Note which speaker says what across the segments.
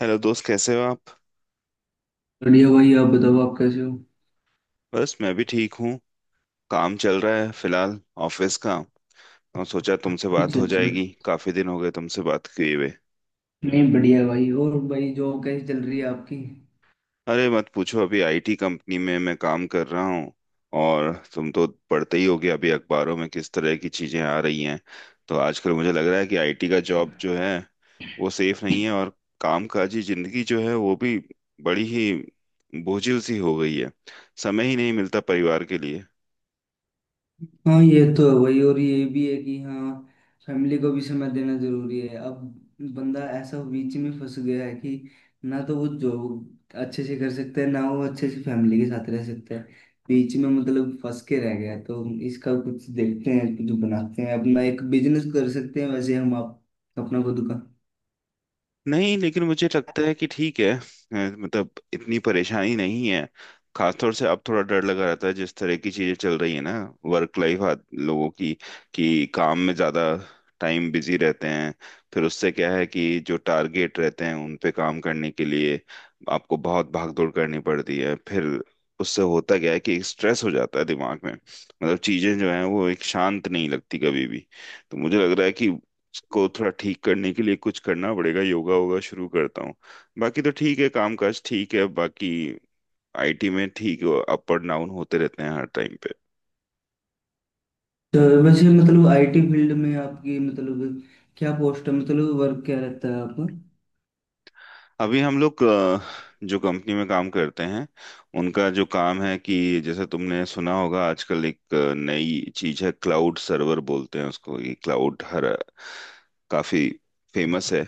Speaker 1: Hello दोस्त, कैसे हो आप।
Speaker 2: बढ़िया भाई। आप बताओ आप कैसे हो।
Speaker 1: बस मैं भी ठीक हूँ। काम चल रहा है फिलहाल, ऑफिस का। और सोचा तुमसे बात
Speaker 2: अच्छा
Speaker 1: हो
Speaker 2: अच्छा।
Speaker 1: जाएगी, काफी दिन हो गए तुमसे बात किए हुए।
Speaker 2: नहीं बढ़िया भाई। और भाई जॉब कैसी चल रही है आपकी।
Speaker 1: अरे मत पूछो, अभी आईटी कंपनी में मैं काम कर रहा हूँ। और तुम तो पढ़ते ही होगे अभी अखबारों में किस तरह की चीजें आ रही हैं। तो आजकल मुझे लग रहा है कि आईटी का जॉब जो है वो सेफ नहीं है, और कामकाजी जिंदगी जो है वो भी बड़ी ही बोझिल सी हो गई है। समय ही नहीं मिलता परिवार के लिए।
Speaker 2: हाँ ये तो है भाई, और ये भी है कि हाँ फैमिली को भी समय देना जरूरी है अब। बंदा ऐसा बीच में फंस गया है कि ना तो वो जॉब अच्छे से कर सकता है ना वो अच्छे से फैमिली के साथ रह सकता है। बीच में मतलब फंस के रह गया है। तो इसका कुछ देखते हैं, कुछ बनाते हैं, अपना एक बिजनेस कर सकते हैं वैसे हम आप, अपना खुद का।
Speaker 1: नहीं, लेकिन मुझे लगता है कि ठीक है, मतलब इतनी परेशानी नहीं है। खासतौर से अब थोड़ा डर लगा रहता है जिस तरह की चीजें चल रही है ना, वर्क लाइफ लोगों की, कि काम में ज्यादा टाइम बिजी रहते हैं। फिर उससे क्या है कि जो टारगेट रहते हैं उन पे काम करने के लिए आपको बहुत भागदौड़ करनी पड़ती है। फिर उससे होता क्या है कि स्ट्रेस हो जाता है दिमाग में, मतलब चीजें जो हैं वो एक शांत नहीं लगती कभी भी। तो मुझे लग रहा है कि को थोड़ा ठीक करने के लिए कुछ करना पड़ेगा, योगा वोगा शुरू करता हूँ। बाकी तो ठीक है, कामकाज ठीक है बाकी। आईटी में ठीक है, अप और डाउन होते रहते हैं हर टाइम पे।
Speaker 2: तो वैसे मतलब आईटी फील्ड में आपकी मतलब क्या पोस्ट है, मतलब वर्क क्या रहता है आपका।
Speaker 1: अभी हम लोग जो कंपनी में काम करते हैं उनका जो काम है कि जैसे तुमने सुना होगा, आजकल एक नई चीज है क्लाउड सर्वर बोलते हैं उसको, ये क्लाउड हर काफी फेमस है।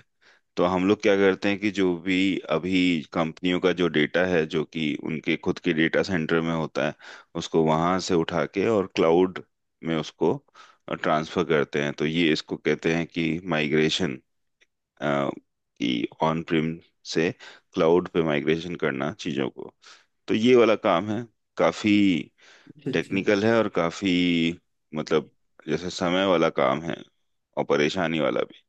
Speaker 1: तो हम लोग क्या करते हैं कि जो भी अभी कंपनियों का जो डेटा है जो कि उनके खुद के डेटा सेंटर में होता है, उसको वहां से उठा के और क्लाउड में उसको ट्रांसफर करते हैं। तो ये इसको कहते हैं कि माइग्रेशन, कि ऑन प्रिम से क्लाउड पे माइग्रेशन करना चीजों को। तो ये वाला काम है, काफी
Speaker 2: अच्छा अच्छा।
Speaker 1: टेक्निकल है और काफी मतलब जैसे समय वाला काम है, और परेशानी वाला भी।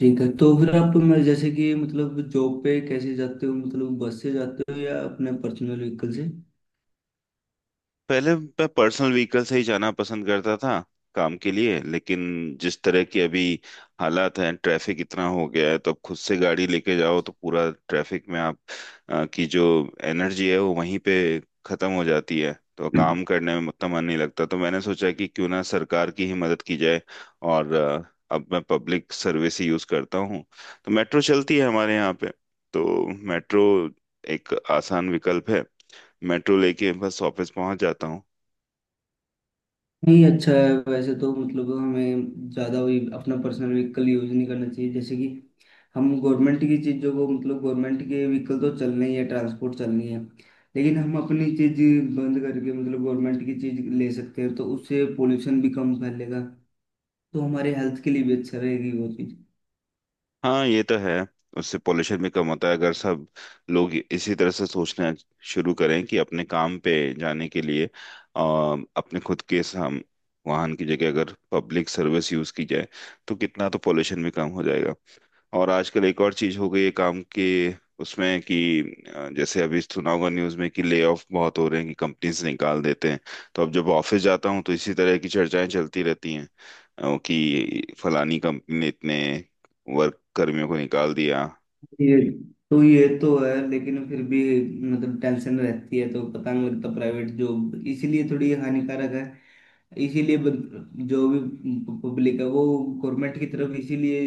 Speaker 2: ठीक है, तो फिर आप मैं जैसे कि मतलब जॉब पे कैसे जाते हो, मतलब बस से जाते हो या अपने पर्सनल व्हीकल
Speaker 1: पहले मैं पर्सनल व्हीकल से ही जाना पसंद करता था काम के लिए, लेकिन जिस तरह की अभी हालात हैं, ट्रैफिक इतना हो गया है, तो अब खुद से गाड़ी लेके जाओ तो पूरा ट्रैफिक में आप की जो एनर्जी है वो वहीं पे खत्म हो जाती है। तो
Speaker 2: से।
Speaker 1: काम करने में उतना मन नहीं लगता, तो मैंने सोचा कि क्यों ना सरकार की ही मदद की जाए, और अब मैं पब्लिक सर्विस ही यूज करता हूँ। तो मेट्रो चलती है हमारे यहाँ पे, तो मेट्रो एक आसान विकल्प है। मेट्रो लेके बस ऑफिस पहुंच जाता हूँ।
Speaker 2: नहीं अच्छा है वैसे तो, मतलब हमें ज़्यादा वही अपना पर्सनल व्हीकल यूज़ नहीं करना चाहिए। जैसे कि हम गवर्नमेंट की चीज़ों को, मतलब गवर्नमेंट के व्हीकल तो चलने ही है, ट्रांसपोर्ट चलनी है, लेकिन हम अपनी चीज़ बंद करके मतलब गवर्नमेंट की चीज़ ले सकते हैं तो उससे पोल्यूशन भी कम फैलेगा। तो हमारे हेल्थ के लिए भी अच्छा रहेगी वो चीज़।
Speaker 1: हाँ, ये तो है। उससे पोल्यूशन भी कम होता है। अगर सब लोग इसी तरह से सोचना शुरू करें कि अपने काम पे जाने के लिए अपने खुद के वाहन की जगह अगर पब्लिक सर्विस यूज की जाए, तो कितना तो पोल्यूशन भी कम हो जाएगा। और आजकल एक और चीज हो गई है काम के उसमें कि जैसे अभी सुना होगा न्यूज में कि ले ऑफ बहुत हो रहे हैं, कि कंपनीज निकाल देते हैं। तो अब जब ऑफिस जाता हूँ तो इसी तरह की चर्चाएं चलती रहती हैं, कि फलानी कंपनी ने इतने वर्क कर्मियों को निकाल दिया।
Speaker 2: ये ये तो है लेकिन फिर भी मतलब टेंशन रहती है तो पता नहीं लगता। प्राइवेट जॉब इसीलिए थोड़ी हानिकारक है। इसीलिए जो भी पब्लिक है वो गवर्नमेंट की तरफ इसीलिए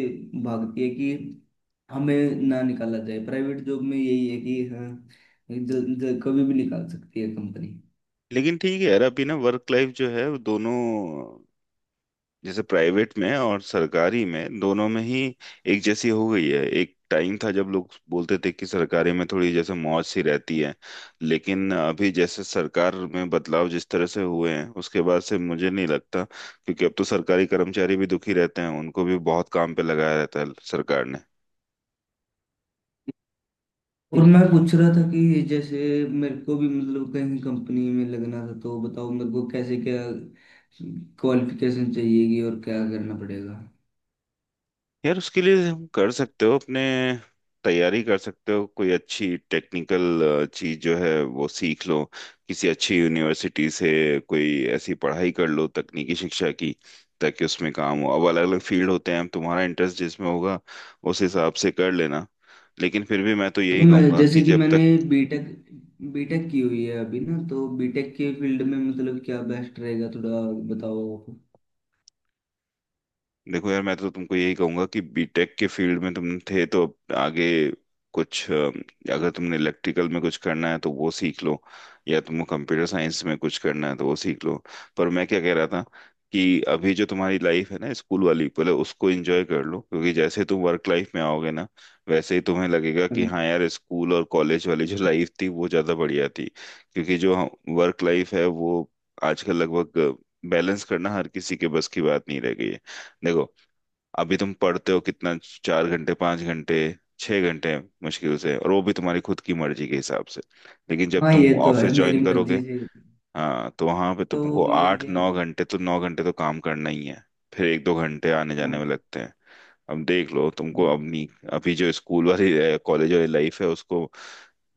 Speaker 2: भागती है कि हमें ना निकाला जाए। प्राइवेट जॉब में यही है कि हाँ, जल, जल, कभी भी निकाल सकती है कंपनी।
Speaker 1: लेकिन ठीक है यार, अभी ना वर्क लाइफ जो है वो दोनों जैसे प्राइवेट में और सरकारी में, दोनों में ही एक जैसी हो गई है। एक टाइम था जब लोग बोलते थे कि सरकारी में थोड़ी जैसे मौज सी रहती है, लेकिन अभी जैसे सरकार में बदलाव जिस तरह से हुए हैं उसके बाद से मुझे नहीं लगता, क्योंकि अब तो सरकारी कर्मचारी भी दुखी रहते हैं, उनको भी बहुत काम पे लगाया रहता है सरकार ने।
Speaker 2: और मैं पूछ रहा था कि जैसे मेरे को भी मतलब कहीं कंपनी में लगना था, तो बताओ मेरे को कैसे क्या क्वालिफिकेशन चाहिएगी और क्या करना पड़ेगा।
Speaker 1: यार उसके लिए हम कर सकते हो अपने, तैयारी कर सकते हो, कोई अच्छी टेक्निकल चीज जो है वो सीख लो। किसी अच्छी यूनिवर्सिटी से कोई ऐसी पढ़ाई कर लो तकनीकी शिक्षा की, ताकि उसमें काम हो। अब अलग अलग फील्ड होते हैं, अब तुम्हारा इंटरेस्ट जिसमें होगा उस हिसाब से कर लेना। लेकिन फिर भी मैं तो
Speaker 2: तो
Speaker 1: यही
Speaker 2: मैं
Speaker 1: कहूंगा
Speaker 2: जैसे
Speaker 1: कि
Speaker 2: कि
Speaker 1: जब
Speaker 2: मैंने
Speaker 1: तक,
Speaker 2: बीटेक बीटेक की हुई है अभी ना, तो बीटेक के फील्ड में मतलब क्या बेस्ट रहेगा थोड़ा बताओ आप।
Speaker 1: देखो यार मैं तो तुमको यही कहूंगा कि बीटेक के फील्ड में तुम थे तो आगे कुछ अगर तुमने इलेक्ट्रिकल में कुछ करना है तो वो सीख लो, या तुमको कंप्यूटर साइंस में कुछ करना है तो वो सीख लो। पर मैं क्या कह रहा था कि अभी जो तुम्हारी लाइफ है ना स्कूल वाली, पहले उसको एंजॉय कर लो, क्योंकि जैसे तुम वर्क लाइफ में आओगे ना, वैसे ही तुम्हें लगेगा कि
Speaker 2: हम्म।
Speaker 1: हाँ यार स्कूल और कॉलेज वाली जो लाइफ थी वो ज्यादा बढ़िया थी। क्योंकि जो वर्क लाइफ है वो आजकल लगभग बैलेंस करना हर किसी के बस की बात नहीं रह गई है। देखो अभी तुम पढ़ते हो कितना, 4 घंटे, 5 घंटे, 6 घंटे मुश्किल से, और वो भी तुम्हारी खुद की मर्जी के हिसाब से। लेकिन जब
Speaker 2: हाँ ये
Speaker 1: तुम
Speaker 2: तो है,
Speaker 1: ऑफिस
Speaker 2: मेरी
Speaker 1: ज्वाइन
Speaker 2: मर्जी
Speaker 1: करोगे,
Speaker 2: से।
Speaker 1: हाँ, तो वहां पे तुमको
Speaker 2: तो ये
Speaker 1: आठ
Speaker 2: ये,
Speaker 1: नौ घंटे, तो 9 घंटे तो काम करना ही है। फिर एक दो घंटे आने जाने में
Speaker 2: हम्म।
Speaker 1: लगते हैं। अब देख लो तुमको अपनी अभी जो स्कूल वाली, कॉलेज वाली लाइफ है उसको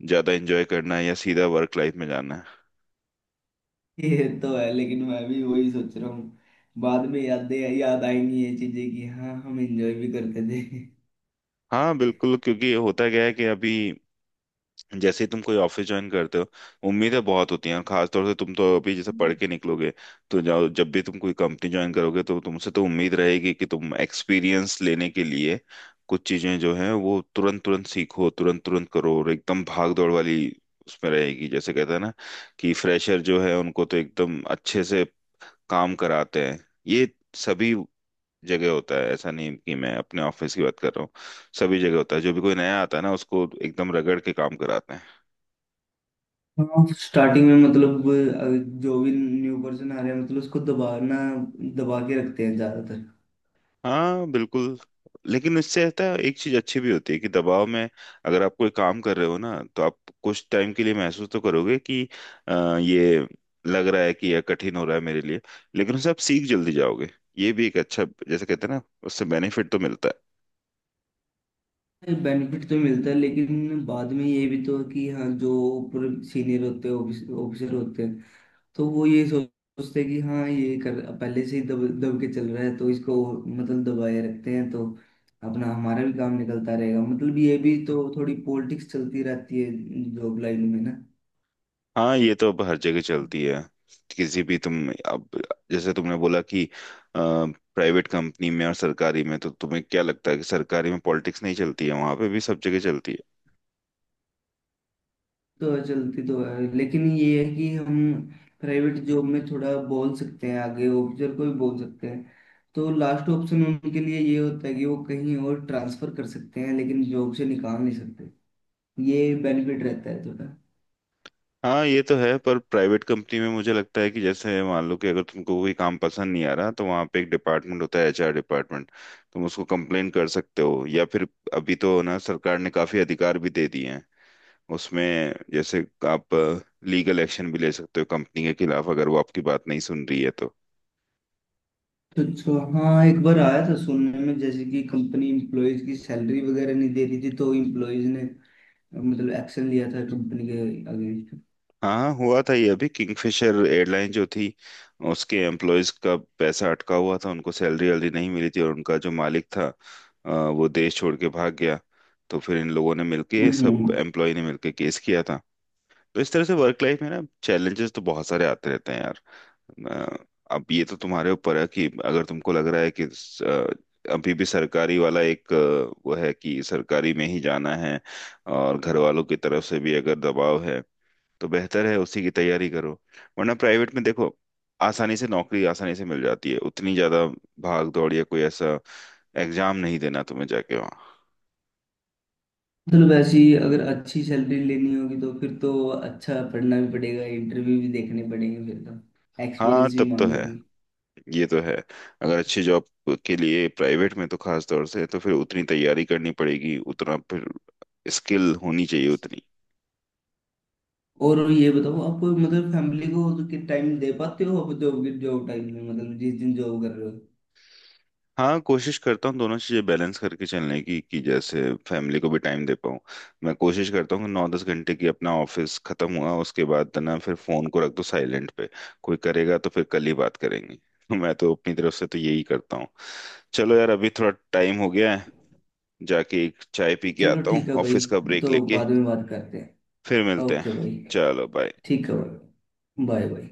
Speaker 1: ज्यादा एंजॉय करना है, या सीधा वर्क लाइफ में जाना है।
Speaker 2: ये तो है लेकिन मैं भी वही सोच रहा हूँ, बाद में यादें याद आएंगी ये चीजें कि हाँ हम एंजॉय भी करते थे।
Speaker 1: हाँ बिल्कुल, क्योंकि होता क्या है कि अभी जैसे ही तुम कोई ऑफिस ज्वाइन करते हो, उम्मीदें बहुत होती हैं। और खासतौर से तुम तो अभी जैसे पढ़ के निकलोगे, तो जाओ, जब भी तुम कोई कंपनी ज्वाइन करोगे तो तुमसे तो उम्मीद रहेगी कि तुम एक्सपीरियंस लेने के लिए कुछ चीजें जो हैं वो तुरंत तुरंत सीखो, तुरंत तुरंत करो, और एकदम भाग दौड़ वाली उसमें रहेगी। जैसे कहते हैं ना कि फ्रेशर जो है उनको तो एकदम अच्छे से काम कराते हैं। ये सभी जगह होता है, ऐसा नहीं कि मैं अपने ऑफिस की बात कर रहा हूँ, सभी जगह होता है। जो भी कोई नया आता है ना उसको एकदम रगड़ के काम कराते हैं।
Speaker 2: हाँ स्टार्टिंग में मतलब जो भी न्यू पर्सन आ रहे हैं मतलब उसको दबाना, दबा के रखते हैं ज्यादातर।
Speaker 1: हाँ बिल्कुल। लेकिन इससे रहता है, एक चीज अच्छी भी होती है कि दबाव में अगर आप कोई काम कर रहे हो ना, तो आप कुछ टाइम के लिए महसूस तो करोगे कि ये लग रहा है कि यह कठिन हो रहा है मेरे लिए, लेकिन उससे आप सीख जल्दी जाओगे। ये भी एक अच्छा, जैसे कहते हैं ना, उससे बेनिफिट तो मिलता है।
Speaker 2: बेनिफिट तो मिलता है लेकिन बाद में ये भी तो है कि हाँ जो ऊपर सीनियर होते हैं, ऑफिसर होते हैं, तो वो ये सोचते हैं कि हाँ ये कर पहले से ही दब दब के चल रहा है तो इसको मतलब दबाए रखते हैं, तो अपना हमारा भी काम निकलता रहेगा। मतलब ये भी तो थोड़ी पॉलिटिक्स चलती रहती है जॉब लाइन में ना।
Speaker 1: हाँ ये तो अब हर जगह चलती है। किसी भी तुम अब जैसे तुमने बोला कि प्राइवेट कंपनी में और सरकारी में, तो तुम्हें क्या लगता है कि सरकारी में पॉलिटिक्स नहीं चलती है? वहां पे भी सब जगह चलती है।
Speaker 2: तो चलती तो है लेकिन ये है कि हम प्राइवेट जॉब में थोड़ा बोल सकते हैं, आगे ऑफिसर को भी बोल सकते हैं, तो लास्ट ऑप्शन उनके लिए ये होता है कि वो कहीं और ट्रांसफर कर सकते हैं लेकिन जॉब से निकाल नहीं सकते। ये बेनिफिट रहता है थोड़ा।
Speaker 1: हाँ ये तो है, पर प्राइवेट कंपनी में मुझे लगता है कि जैसे मान लो कि अगर तुमको कोई काम पसंद नहीं आ रहा, तो वहाँ पे एक डिपार्टमेंट होता है, एचआर डिपार्टमेंट। तुम उसको कंप्लेन कर सकते हो, या फिर अभी तो ना सरकार ने काफी अधिकार भी दे दिए हैं उसमें, जैसे आप लीगल एक्शन भी ले सकते हो कंपनी के खिलाफ अगर वो आपकी बात नहीं सुन रही है तो।
Speaker 2: अच्छा हाँ, एक बार आया था सुनने में जैसे कि कंपनी इम्प्लॉयज की सैलरी वगैरह नहीं दे रही थी तो इम्प्लॉयज ने मतलब एक्शन लिया था कंपनी के अगेंस्ट।
Speaker 1: हाँ हुआ था ये अभी, किंगफिशर एयरलाइन जो थी, उसके एम्प्लॉयज का पैसा अटका हुआ था, उनको सैलरी वैलरी नहीं मिली थी, और उनका जो मालिक था वो देश छोड़ के भाग गया। तो फिर इन लोगों ने मिलके, सब
Speaker 2: हम्म।
Speaker 1: एम्प्लॉय ने मिलके केस किया था। तो इस तरह से वर्क लाइफ में ना चैलेंजेस तो बहुत सारे आते रहते हैं यार। अ, अब ये तो तुम्हारे ऊपर है कि अगर तुमको लग रहा है कि अभी भी सरकारी वाला एक वो है कि सरकारी में ही जाना है, और घर वालों की तरफ से भी अगर दबाव है, तो बेहतर है उसी की तैयारी करो। वरना प्राइवेट में देखो, आसानी से नौकरी आसानी से मिल जाती है, उतनी ज्यादा भाग दौड़ या कोई ऐसा एग्जाम नहीं देना तुम्हें जाके वहाँ।
Speaker 2: मतलब ऐसी अगर अच्छी सैलरी लेनी होगी तो फिर तो अच्छा पढ़ना भी पड़ेगा, इंटरव्यू भी देखने पड़ेंगे, फिर तो
Speaker 1: हाँ
Speaker 2: एक्सपीरियंस भी
Speaker 1: तब तो है,
Speaker 2: मांगेंगे।
Speaker 1: ये तो है। अगर अच्छी जॉब के लिए प्राइवेट में, तो खास तौर से तो फिर उतनी तैयारी करनी पड़ेगी, उतना फिर स्किल होनी चाहिए उतनी।
Speaker 2: और ये बताओ आप मतलब फैमिली को तो कि टाइम दे पाते हो आप जॉब के, जॉब टाइम में मतलब जिस दिन जॉब कर रहे हो।
Speaker 1: हाँ, कोशिश करता हूँ दोनों चीज़ें बैलेंस करके चलने की, कि जैसे फैमिली को भी टाइम दे पाऊँ। मैं कोशिश करता हूँ कि नौ दस घंटे की अपना ऑफिस खत्म हुआ उसके बाद ना, फिर फोन को रख दो साइलेंट पे। कोई करेगा तो फिर कल ही बात करेंगे। तो मैं तो अपनी तरफ से तो यही करता हूँ। चलो यार, अभी थोड़ा टाइम हो गया है, जाके एक चाय पी के
Speaker 2: चलो
Speaker 1: आता हूँ
Speaker 2: ठीक है भाई,
Speaker 1: ऑफिस का ब्रेक
Speaker 2: तो
Speaker 1: लेके।
Speaker 2: बाद में बात करते हैं।
Speaker 1: फिर मिलते हैं।
Speaker 2: ओके भाई।
Speaker 1: चलो बाय।
Speaker 2: ठीक है भाई। Bye bye.